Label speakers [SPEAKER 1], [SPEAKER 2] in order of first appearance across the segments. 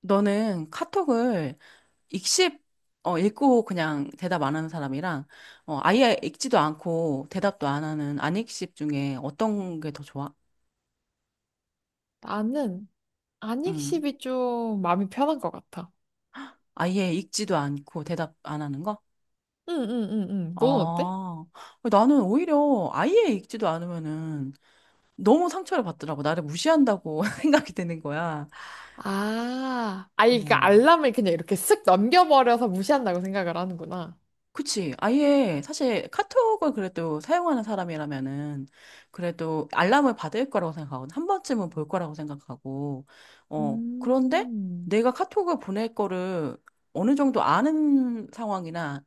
[SPEAKER 1] 너는 카톡을 읽씹, 읽고 그냥 대답 안 하는 사람이랑, 아예 읽지도 않고 대답도 안 하는 안 읽씹 중에 어떤 게 더 좋아?
[SPEAKER 2] 나는
[SPEAKER 1] 음
[SPEAKER 2] 안익십이 좀 마음이 편한 것 같아.
[SPEAKER 1] 아예 읽지도 않고 대답 안 하는 거?
[SPEAKER 2] 응, 응, 응, 응. 넌 어때?
[SPEAKER 1] 아, 나는 오히려 아예 읽지도 않으면은 너무 상처를 받더라고. 나를 무시한다고 생각이 드는 거야.
[SPEAKER 2] 아, 아니, 그러니까
[SPEAKER 1] 어,
[SPEAKER 2] 알람을 그냥 이렇게 쓱 넘겨버려서 무시한다고 생각을 하는구나.
[SPEAKER 1] 그치. 아예 사실 카톡을 그래도 사용하는 사람이라면은 그래도 알람을 받을 거라고 생각하거든. 한 번쯤은 볼 거라고 생각하고. 그런데
[SPEAKER 2] 음,
[SPEAKER 1] 내가 카톡을 보낼 거를 어느 정도 아는 상황이나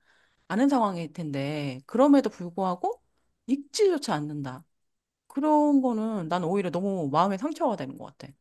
[SPEAKER 1] 아는 상황일 텐데 그럼에도 불구하고 읽지조차 않는다. 그런 거는 난 오히려 너무 마음에 상처가 되는 것 같아.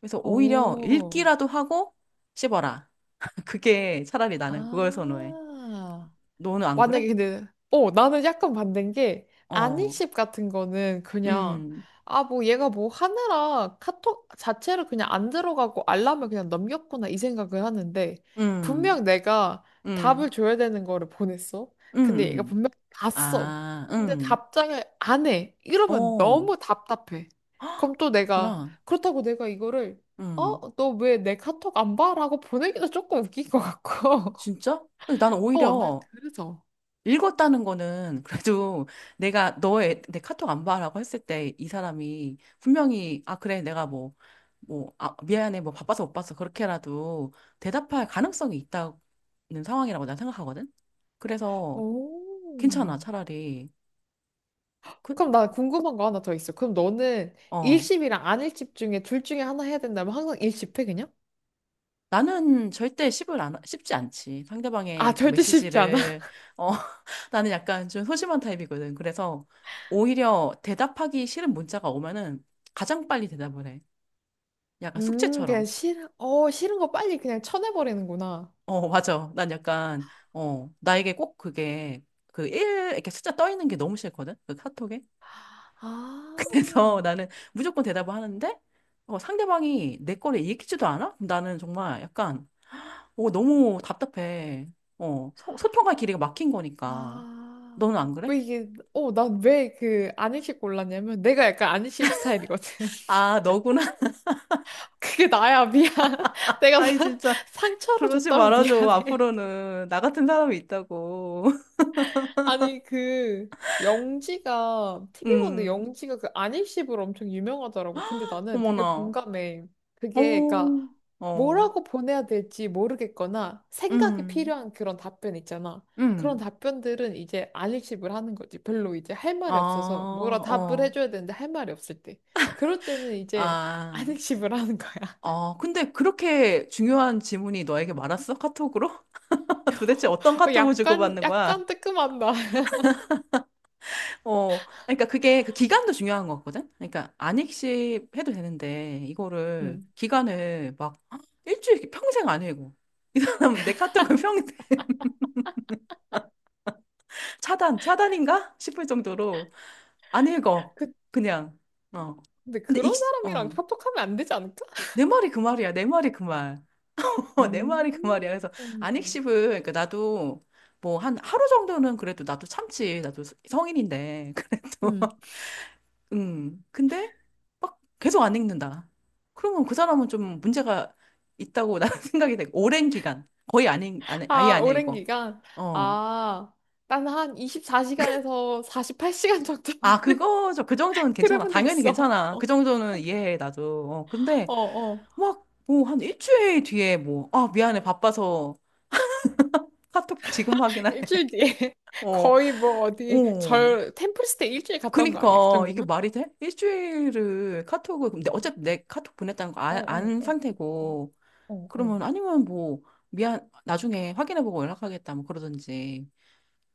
[SPEAKER 1] 그래서 오히려
[SPEAKER 2] 오,
[SPEAKER 1] 읽기라도 하고 씹어라. 그게 차라리 나는 그걸 선호해.
[SPEAKER 2] 아.
[SPEAKER 1] 너는 안 그래?
[SPEAKER 2] 만약에 근데 나는 약간 반대인 게
[SPEAKER 1] 어.
[SPEAKER 2] 아니십 같은 거는 그냥,
[SPEAKER 1] 음,
[SPEAKER 2] 아, 뭐 얘가 뭐 하느라 카톡 자체를 그냥 안 들어가고 알람을 그냥 넘겼구나 이 생각을 하는데,
[SPEAKER 1] 음,
[SPEAKER 2] 분명 내가 답을
[SPEAKER 1] 음,
[SPEAKER 2] 줘야 되는 거를 보냈어.
[SPEAKER 1] 음,
[SPEAKER 2] 근데 얘가
[SPEAKER 1] 음.
[SPEAKER 2] 분명 봤어.
[SPEAKER 1] 아,
[SPEAKER 2] 근데 답장을 안 해. 이러면
[SPEAKER 1] 어,
[SPEAKER 2] 너무 답답해.
[SPEAKER 1] 헉,
[SPEAKER 2] 그럼 또 내가
[SPEAKER 1] 그렇구나.
[SPEAKER 2] 그렇다고 내가 이거를,
[SPEAKER 1] 음,
[SPEAKER 2] 어? 너 왜 내 카톡 안 봐? 라고 보내기도 조금 웃긴 것 같고.
[SPEAKER 1] 진짜? 근데 나는
[SPEAKER 2] 어, 난
[SPEAKER 1] 오히려
[SPEAKER 2] 그래서.
[SPEAKER 1] 읽었다는 거는 그래도 내가 너의 내 카톡 안 봐라고 했을 때 이 사람이 분명히 아, 그래, 내가 뭐, 뭐, 아, 미안해, 뭐 바빠서 못 봤어. 그렇게라도 대답할 가능성이 있다는 상황이라고 난 생각하거든? 그래서
[SPEAKER 2] 오.
[SPEAKER 1] 괜찮아, 차라리. 그,
[SPEAKER 2] 그럼 나 궁금한 거 하나 더 있어. 그럼 너는
[SPEAKER 1] 어.
[SPEAKER 2] 일십이랑 안일십 중에 둘 중에 하나 해야 된다면 항상 일십해 그냥?
[SPEAKER 1] 나는 절대 씹을 안, 씹지 않지.
[SPEAKER 2] 아,
[SPEAKER 1] 상대방의 그
[SPEAKER 2] 절대 쉽지 않아.
[SPEAKER 1] 메시지를, 어, 나는 약간 좀 소심한 타입이거든. 그래서 오히려 대답하기 싫은 문자가 오면은 가장 빨리 대답을 해. 약간
[SPEAKER 2] 그냥
[SPEAKER 1] 숙제처럼.
[SPEAKER 2] 싫은, 어, 싫은 거 빨리 그냥 쳐내버리는구나.
[SPEAKER 1] 어, 맞아. 난 약간, 나에게 꼭 그게 그 일 이렇게 숫자 떠 있는 게 너무 싫거든. 그 카톡에.
[SPEAKER 2] 아,
[SPEAKER 1] 그래서 나는 무조건 대답을 하는데, 상대방이 내 거를 읽지도 않아? 그럼 나는 정말 약간 오, 너무 답답해. 소통할 길이가 막힌 거니까.
[SPEAKER 2] 아.
[SPEAKER 1] 너는 안 그래?
[SPEAKER 2] 왜 이게, 어, 난 왜 그 안일십 골랐냐면 내가 약간 안일십 스타일이거든.
[SPEAKER 1] 아, 너구나.
[SPEAKER 2] 그게 나야, 미안. 내가
[SPEAKER 1] 아이,
[SPEAKER 2] 나-
[SPEAKER 1] 진짜.
[SPEAKER 2] 상처로
[SPEAKER 1] 그러지
[SPEAKER 2] 줬다면
[SPEAKER 1] 말아줘.
[SPEAKER 2] 미안해.
[SPEAKER 1] 앞으로는 나 같은 사람이 있다고.
[SPEAKER 2] 아니 그, 영지가 TV 보는데
[SPEAKER 1] 음,
[SPEAKER 2] 영지가 그 안입십으로 엄청 유명하더라고. 근데 나는 되게
[SPEAKER 1] 어머나.
[SPEAKER 2] 공감해.
[SPEAKER 1] 어,
[SPEAKER 2] 그게 그러니까
[SPEAKER 1] 어,
[SPEAKER 2] 뭐라고 보내야 될지 모르겠거나 생각이
[SPEAKER 1] 음,
[SPEAKER 2] 필요한 그런 답변 있잖아. 그런
[SPEAKER 1] 음.
[SPEAKER 2] 답변들은 이제 안입십을 하는 거지. 별로 이제 할
[SPEAKER 1] 아,
[SPEAKER 2] 말이 없어서 뭐라 답을
[SPEAKER 1] 어,
[SPEAKER 2] 해줘야 되는데 할 말이 없을 때. 그럴 때는 이제
[SPEAKER 1] 아.
[SPEAKER 2] 안입십을 하는 거야.
[SPEAKER 1] 근데 그렇게 중요한 질문이 너에게 많았어? 카톡으로? 도대체 어떤
[SPEAKER 2] 어,
[SPEAKER 1] 카톡을
[SPEAKER 2] 약간
[SPEAKER 1] 주고받는 거야?
[SPEAKER 2] 약간 뜨끔한다.
[SPEAKER 1] 그러니까 그게 그 기간도 중요한 거거든. 그러니까 안익십 해도 되는데 이거를
[SPEAKER 2] 음.
[SPEAKER 1] 기간을 막 일주일 이렇게 평생 안 읽어. 이 사람 내 카톡을 평생 차단 차단인가 싶을 정도로 안 읽어.
[SPEAKER 2] 그-
[SPEAKER 1] 그냥 어.
[SPEAKER 2] 근데
[SPEAKER 1] 근데 익
[SPEAKER 2] 그런 사람이랑
[SPEAKER 1] 어.
[SPEAKER 2] 카톡하면 안 되지 않을까?
[SPEAKER 1] 내 말이 그 말이야. 내 말이 그 말. 내 말이 그 말이야.
[SPEAKER 2] 음.
[SPEAKER 1] 그래서 안익십을 그러니까 나도 뭐 한 하루 정도는 그래도 나도 참지. 나도 성인인데 그래도
[SPEAKER 2] 음.
[SPEAKER 1] 근데 막 계속 안 읽는다. 그러면 그 사람은 좀 문제가 있다고 나는 생각이 돼. 오랜 기간. 거의 안 읽, 안, 아예
[SPEAKER 2] 아,
[SPEAKER 1] 안
[SPEAKER 2] 오랜
[SPEAKER 1] 읽어.
[SPEAKER 2] 기간.
[SPEAKER 1] 어.
[SPEAKER 2] 아, 난 한 24시간에서 48시간 정도는
[SPEAKER 1] 아, 그거죠. 그 정도는 괜찮아.
[SPEAKER 2] 그래본 적
[SPEAKER 1] 당연히
[SPEAKER 2] 있어.
[SPEAKER 1] 괜찮아. 그
[SPEAKER 2] 어,
[SPEAKER 1] 정도는 이해해, 나도. 근데
[SPEAKER 2] 어, 어.
[SPEAKER 1] 막, 뭐, 한 일주일 뒤에 뭐, 아, 미안해. 바빠서 카톡 지금 확인하네.
[SPEAKER 2] 일주일 뒤에
[SPEAKER 1] 어,
[SPEAKER 2] 거의 뭐 어디
[SPEAKER 1] 어.
[SPEAKER 2] 절 템플스테이 일주일 갔다 온 거
[SPEAKER 1] 그니까,
[SPEAKER 2] 아니야? 그
[SPEAKER 1] 이게
[SPEAKER 2] 정도면?
[SPEAKER 1] 말이 돼? 일주일을 카톡을, 근데 어차피 내 카톡 보냈다는 거
[SPEAKER 2] 어,
[SPEAKER 1] 아,
[SPEAKER 2] 어,
[SPEAKER 1] 안
[SPEAKER 2] 어, 어,
[SPEAKER 1] 상태고,
[SPEAKER 2] 어, 어. 어.
[SPEAKER 1] 그러면 아니면 뭐 미안 나중에 확인해보고 연락하겠다 뭐 그러든지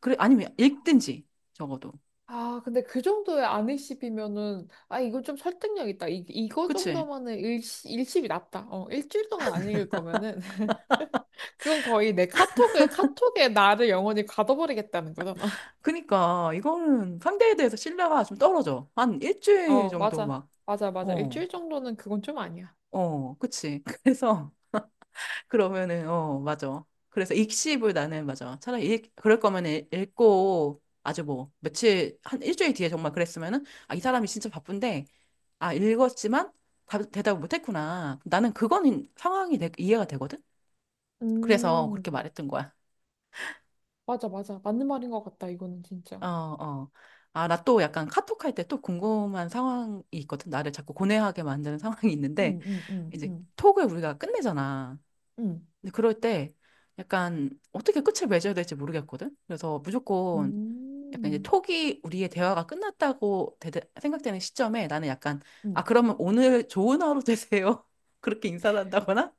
[SPEAKER 1] 그래 아니면 읽든지 적어도
[SPEAKER 2] 아, 근데 그 정도의 안일십이면은, 아, 이거 좀 설득력 있다. 이거
[SPEAKER 1] 그치?
[SPEAKER 2] 정도면은 일시, 일십이 낫다. 어, 일주일 동안 안 읽을 거면은. 그건 거의 내 카톡에, 카톡에 나를 영원히 가둬버리겠다는 거잖아.
[SPEAKER 1] 그니까 이거는 상대에 대해서 신뢰가 좀 떨어져 한 일주일
[SPEAKER 2] 어,
[SPEAKER 1] 정도
[SPEAKER 2] 맞아.
[SPEAKER 1] 막
[SPEAKER 2] 맞아,
[SPEAKER 1] 어
[SPEAKER 2] 맞아.
[SPEAKER 1] 어
[SPEAKER 2] 일주일 정도는 그건 좀 아니야.
[SPEAKER 1] 그치? 그래서 그러면은 어 맞아 그래서 읽씹을 나는 맞아 차라리 읽 그럴 거면 읽고 아주 뭐 며칠 한 일주일 뒤에 정말 그랬으면은 아 이 사람이 진짜 바쁜데 아 읽었지만 대답을 못했구나 나는 그건 상황이 이해가 되거든. 그래서 그렇게
[SPEAKER 2] 음,
[SPEAKER 1] 말했던 거야.
[SPEAKER 2] 맞아, 맞아. 맞는 말인 것 같다, 이거는 진짜.
[SPEAKER 1] 어, 어. 아, 나 또 약간 카톡할 때 또 궁금한 상황이 있거든. 나를 자꾸 고뇌하게 만드는 상황이 있는데,
[SPEAKER 2] 응, 응, 응,
[SPEAKER 1] 이제
[SPEAKER 2] 응,
[SPEAKER 1] 톡을 우리가 끝내잖아.
[SPEAKER 2] 응.
[SPEAKER 1] 근데 그럴 때 약간 어떻게 끝을 맺어야 될지 모르겠거든. 그래서 무조건 약간 이제
[SPEAKER 2] 음,
[SPEAKER 1] 톡이 우리의 대화가 끝났다고 생각되는 시점에 나는 약간, 아,
[SPEAKER 2] 음.
[SPEAKER 1] 그러면 오늘 좋은 하루 되세요. 그렇게 인사를 한다거나,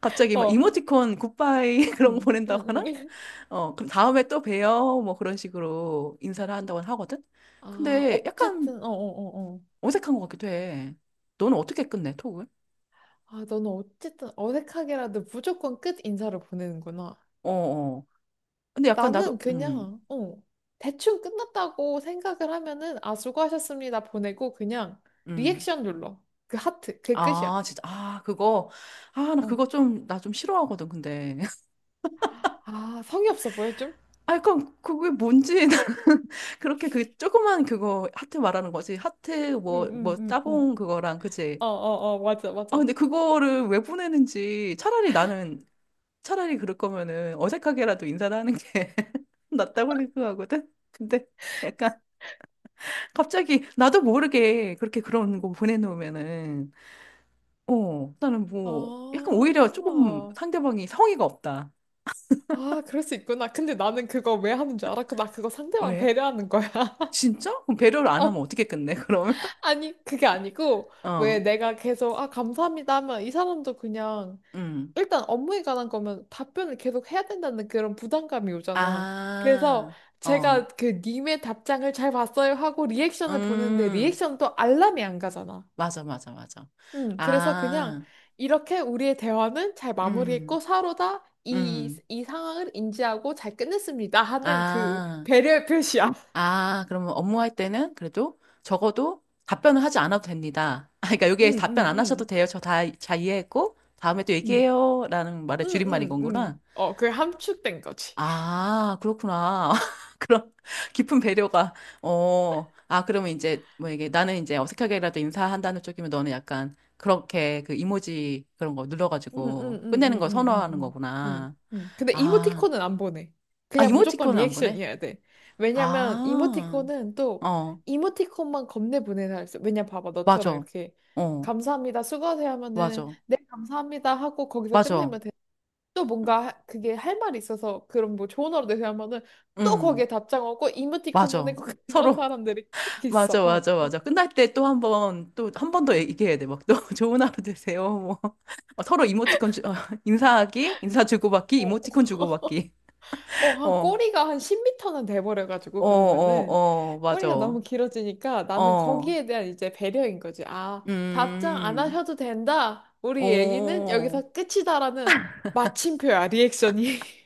[SPEAKER 1] 갑자기 막
[SPEAKER 2] 어,
[SPEAKER 1] 이모티콘 굿바이 그런 거
[SPEAKER 2] 응, 응, 응.
[SPEAKER 1] 보낸다거나, 그럼 다음에 또 봬요. 뭐 그런 식으로 인사를 한다고 하거든?
[SPEAKER 2] 아,
[SPEAKER 1] 근데 약간
[SPEAKER 2] 어쨌든, 어, 어, 어, 어.
[SPEAKER 1] 어색한 것 같기도 해. 너는 어떻게 끝내, 톡을?
[SPEAKER 2] 아, 너는 어쨌든 어색하게라도 무조건 끝 인사를 보내는구나.
[SPEAKER 1] 어, 어. 근데 약간
[SPEAKER 2] 나는
[SPEAKER 1] 나도,
[SPEAKER 2] 그냥, 어, 대충 끝났다고 생각을 하면은, 아, 수고하셨습니다. 보내고, 그냥
[SPEAKER 1] 음.
[SPEAKER 2] 리액션 눌러. 그 하트. 그게 끝이야.
[SPEAKER 1] 아, 진짜. 아, 그거. 아, 나
[SPEAKER 2] 어.
[SPEAKER 1] 좀 싫어하거든, 근데.
[SPEAKER 2] 아, 성의 없어 보여, 좀?
[SPEAKER 1] 아, 약간 그게 뭔지. 나는 그렇게 그 조그만 그거 하트 말하는 거지. 하트 뭐,
[SPEAKER 2] 응, 응,
[SPEAKER 1] 뭐,
[SPEAKER 2] 응,
[SPEAKER 1] 따봉
[SPEAKER 2] 응.
[SPEAKER 1] 그거랑, 그치?
[SPEAKER 2] 어, 어, 어, 맞아,
[SPEAKER 1] 아,
[SPEAKER 2] 맞아.
[SPEAKER 1] 근데 그거를 왜 보내는지 차라리 그럴 거면은 어색하게라도 인사를 하는 게 낫다고 생각하거든. 근데 약간 갑자기 나도 모르게 그렇게 그런 거 보내놓으면은 나는 뭐 약간 오히려 조금
[SPEAKER 2] 아,
[SPEAKER 1] 상대방이 성의가 없다.
[SPEAKER 2] 아, 그럴 수 있구나. 근데 나는 그거 왜 하는 줄 알아? 나 그거 상대방
[SPEAKER 1] 왜?
[SPEAKER 2] 배려하는 거야.
[SPEAKER 1] 진짜? 그럼 배려를 안 하면
[SPEAKER 2] 어,
[SPEAKER 1] 어떻게 끝내? 그러면
[SPEAKER 2] 아니, 그게 아니고, 왜
[SPEAKER 1] 어,
[SPEAKER 2] 내가 계속, 아, 감사합니다 하면 이 사람도 그냥,
[SPEAKER 1] 음,
[SPEAKER 2] 일단 업무에 관한 거면 답변을 계속 해야 된다는 그런 부담감이 오잖아. 그래서
[SPEAKER 1] 아, 어,
[SPEAKER 2] 제가 그 님의 답장을 잘 봤어요 하고 리액션을 보는데
[SPEAKER 1] 음,
[SPEAKER 2] 리액션도 알람이 안 가잖아.
[SPEAKER 1] 맞아, 맞아, 맞아,
[SPEAKER 2] 그래서 그냥
[SPEAKER 1] 아,
[SPEAKER 2] 이렇게 우리의 대화는 잘
[SPEAKER 1] 음,
[SPEAKER 2] 마무리했고 서로다 이,
[SPEAKER 1] 음,
[SPEAKER 2] 이 상황을 인지하고 잘 끝냈습니다 하는 그
[SPEAKER 1] 아.
[SPEAKER 2] 배려의 표시야.
[SPEAKER 1] 아, 그러면 업무할 때는 그래도 적어도 답변을 하지 않아도 됩니다. 아, 그러니까 여기에
[SPEAKER 2] 응,
[SPEAKER 1] 답변
[SPEAKER 2] 응,
[SPEAKER 1] 안 하셔도
[SPEAKER 2] 응.
[SPEAKER 1] 돼요. 저 다, 잘 이해했고, 다음에 또
[SPEAKER 2] 응,
[SPEAKER 1] 얘기해요. 라는 말의
[SPEAKER 2] 응,
[SPEAKER 1] 줄임말인
[SPEAKER 2] 응,
[SPEAKER 1] 건구나.
[SPEAKER 2] 응. 어, 그게 함축된 거지.
[SPEAKER 1] 아, 그렇구나. 그런 깊은 배려가, 그러면 이제, 뭐 이게 나는 이제 어색하게라도 인사한다는 쪽이면 너는 약간 그렇게 그 이모지 그런 거 눌러가지고 끝내는 걸 선호하는
[SPEAKER 2] 응응응응응응응응.
[SPEAKER 1] 거구나.
[SPEAKER 2] 근데
[SPEAKER 1] 아,
[SPEAKER 2] 이모티콘은 안 보내.
[SPEAKER 1] 아,
[SPEAKER 2] 그냥 무조건
[SPEAKER 1] 이모티콘은 안 보내?
[SPEAKER 2] 리액션이어야 돼. 왜냐면
[SPEAKER 1] 아,
[SPEAKER 2] 이모티콘은 또
[SPEAKER 1] 어,
[SPEAKER 2] 이모티콘만 겁내 보내서 있어. 왜냐 봐봐 너처럼
[SPEAKER 1] 맞아.
[SPEAKER 2] 이렇게
[SPEAKER 1] 어.
[SPEAKER 2] 감사합니다 수고하세요 하면은
[SPEAKER 1] 맞아.
[SPEAKER 2] 네 감사합니다 하고 거기서
[SPEAKER 1] 맞아.
[SPEAKER 2] 끝내면 돼. 또 뭔가 그게 할 말이 있어서 그런 뭐 좋은 하루 되세요 하면은 또
[SPEAKER 1] 응.
[SPEAKER 2] 거기에 답장 오고 이모티콘
[SPEAKER 1] 맞아.
[SPEAKER 2] 보내고 그런
[SPEAKER 1] 서로.
[SPEAKER 2] 사람들이 꼭 있어.
[SPEAKER 1] 맞아, 맞아, 맞아. 끝날 때 또 한 번, 또 한 번 더 얘기해야 돼. 막 또 좋은 하루 되세요. 뭐. 어, 서로 이모티콘 인사하기, 인사 주고받기,
[SPEAKER 2] 어.
[SPEAKER 1] 이모티콘 주고받기.
[SPEAKER 2] 어, 한
[SPEAKER 1] 어,
[SPEAKER 2] 꼬리가 한 10m는 돼버려가지고,
[SPEAKER 1] 어, 어,
[SPEAKER 2] 그러면은,
[SPEAKER 1] 어,
[SPEAKER 2] 꼬리가
[SPEAKER 1] 맞아.
[SPEAKER 2] 너무 길어지니까 나는
[SPEAKER 1] 어,
[SPEAKER 2] 거기에 대한 이제 배려인 거지. 아, 답장 안
[SPEAKER 1] 음,
[SPEAKER 2] 하셔도 된다. 우리 얘기는
[SPEAKER 1] 어.
[SPEAKER 2] 여기서 끝이다라는 마침표야, 리액션이.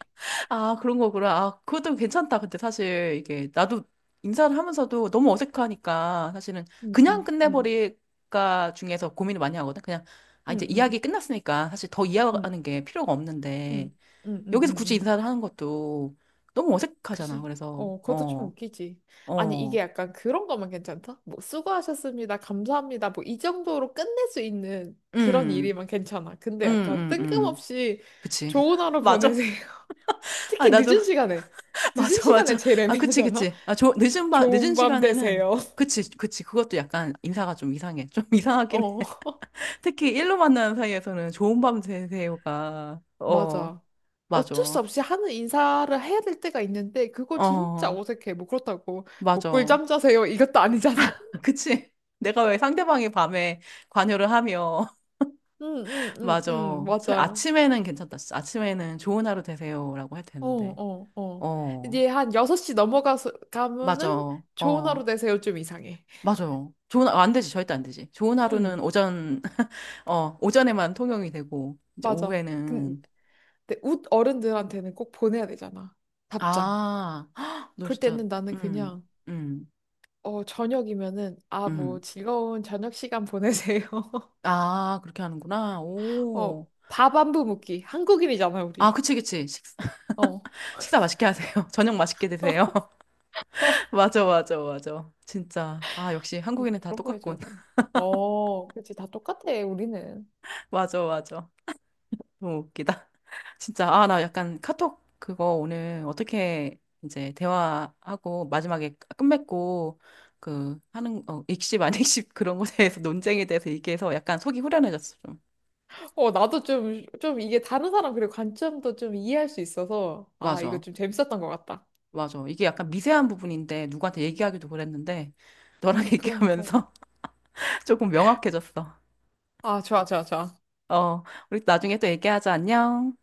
[SPEAKER 1] 아, 그런 거구나. 아, 그것도 괜찮다. 근데 사실 이게 나도 인사를 하면서도 너무 어색하니까 사실은
[SPEAKER 2] 응,
[SPEAKER 1] 그냥
[SPEAKER 2] 응, 응,
[SPEAKER 1] 끝내버릴까 중에서 고민을 많이 하거든. 그냥 아,
[SPEAKER 2] 응,
[SPEAKER 1] 이제 이야기
[SPEAKER 2] 응,
[SPEAKER 1] 끝났으니까 사실 더
[SPEAKER 2] 응,
[SPEAKER 1] 이야기하는 게 필요가 없는데
[SPEAKER 2] 응, 응, 응,
[SPEAKER 1] 여기서
[SPEAKER 2] 응,
[SPEAKER 1] 굳이
[SPEAKER 2] 응.
[SPEAKER 1] 인사를 하는 것도 너무 어색하잖아.
[SPEAKER 2] 그지?
[SPEAKER 1] 그래서
[SPEAKER 2] 어, 그것도 좀
[SPEAKER 1] 어,
[SPEAKER 2] 웃기지. 아니,
[SPEAKER 1] 어,
[SPEAKER 2] 이게 약간 그런 거면 괜찮다? 뭐, 수고하셨습니다. 감사합니다. 뭐, 이 정도로 끝낼 수 있는 그런
[SPEAKER 1] 음,
[SPEAKER 2] 일이면 괜찮아. 근데
[SPEAKER 1] 음,
[SPEAKER 2] 약간
[SPEAKER 1] 음, 음.
[SPEAKER 2] 뜬금없이
[SPEAKER 1] 그치.
[SPEAKER 2] 좋은 하루
[SPEAKER 1] 맞아.
[SPEAKER 2] 보내세요.
[SPEAKER 1] 아,
[SPEAKER 2] 특히
[SPEAKER 1] 나도
[SPEAKER 2] 늦은 시간에. 늦은
[SPEAKER 1] 맞아,
[SPEAKER 2] 시간에
[SPEAKER 1] 맞아.
[SPEAKER 2] 제일
[SPEAKER 1] 아, 그치,
[SPEAKER 2] 애매하잖아?
[SPEAKER 1] 그치. 아, 저 늦은
[SPEAKER 2] 좋은 밤
[SPEAKER 1] 시간에는
[SPEAKER 2] 되세요.
[SPEAKER 1] 그치, 그치. 그것도 약간 인사가 좀 이상해. 좀 이상하긴
[SPEAKER 2] 어,
[SPEAKER 1] 특히 일로 만나는 사이에서는 좋은 밤 되세요가, 어,
[SPEAKER 2] 맞아. 어쩔 수
[SPEAKER 1] 맞아.
[SPEAKER 2] 없이 하는 인사를 해야 될 때가 있는데, 그거 진짜
[SPEAKER 1] 어,
[SPEAKER 2] 어색해. 뭐, 그렇다고, 뭐,
[SPEAKER 1] 맞아.
[SPEAKER 2] 꿀잠 자세요. 이것도 아니잖아.
[SPEAKER 1] 그치. 내가 왜 상대방이 밤에 관여를 하며,
[SPEAKER 2] 응, 응, 응,
[SPEAKER 1] 맞아.
[SPEAKER 2] 응,
[SPEAKER 1] 사실
[SPEAKER 2] 맞아.
[SPEAKER 1] 아침에는 괜찮다. 진짜. 아침에는 좋은 하루 되세요라고 해도
[SPEAKER 2] 어,
[SPEAKER 1] 되는데,
[SPEAKER 2] 어, 어.
[SPEAKER 1] 어,
[SPEAKER 2] 이제 한 6시 넘어가서 가면은
[SPEAKER 1] 맞아.
[SPEAKER 2] 좋은
[SPEAKER 1] 어,
[SPEAKER 2] 하루 되세요 좀 이상해.
[SPEAKER 1] 맞아. 안 되지. 절대 안 되지. 좋은
[SPEAKER 2] 응,
[SPEAKER 1] 하루는 오전, 오전에만 통용이 되고, 이제
[SPEAKER 2] 맞아.
[SPEAKER 1] 오후에는,
[SPEAKER 2] 근데 웃 어른들한테는 꼭 보내야 되잖아. 답장.
[SPEAKER 1] 아, 너
[SPEAKER 2] 그럴
[SPEAKER 1] 진짜,
[SPEAKER 2] 때는 나는
[SPEAKER 1] 음,
[SPEAKER 2] 그냥,
[SPEAKER 1] 음.
[SPEAKER 2] 어, 저녁이면은 아,
[SPEAKER 1] 음.
[SPEAKER 2] 뭐 즐거운 저녁 시간 보내세요.
[SPEAKER 1] 아, 그렇게 하는구나.
[SPEAKER 2] 어,
[SPEAKER 1] 오.
[SPEAKER 2] 밥 안부 묻기 한국인이잖아,
[SPEAKER 1] 아,
[SPEAKER 2] 우리.
[SPEAKER 1] 그치, 그치.
[SPEAKER 2] 어.
[SPEAKER 1] 식사 맛있게 하세요. 저녁 맛있게 드세요. 맞아, 맞아, 맞아. 진짜. 아, 역시
[SPEAKER 2] 근데
[SPEAKER 1] 한국인은 다
[SPEAKER 2] 그런 거 해줘야
[SPEAKER 1] 똑같군.
[SPEAKER 2] 돼. 어, 그치. 다 똑같아, 우리는.
[SPEAKER 1] 맞아, 맞아. 너무 웃기다. 진짜. 아, 나 약간 카톡 그거 오늘 어떻게 이제 대화하고 마지막에 끝맺고 그 하는, 익십, 안 익십 그런 거에 대해서 논쟁에 대해서 얘기해서 약간 속이 후련해졌어, 좀.
[SPEAKER 2] 어, 나도 좀, 좀 이게 다른 사람 그리고 관점도 좀 이해할 수 있어서, 아, 이거
[SPEAKER 1] 맞아,
[SPEAKER 2] 좀 재밌었던 것 같다.
[SPEAKER 1] 맞아. 이게 약간 미세한 부분인데 누구한테 얘기하기도 그랬는데 너랑
[SPEAKER 2] 그러니까.
[SPEAKER 1] 얘기하면서 조금 명확해졌어.
[SPEAKER 2] 아, 좋아, 좋아, 좋아.
[SPEAKER 1] 어, 우리 나중에 또 얘기하자. 안녕.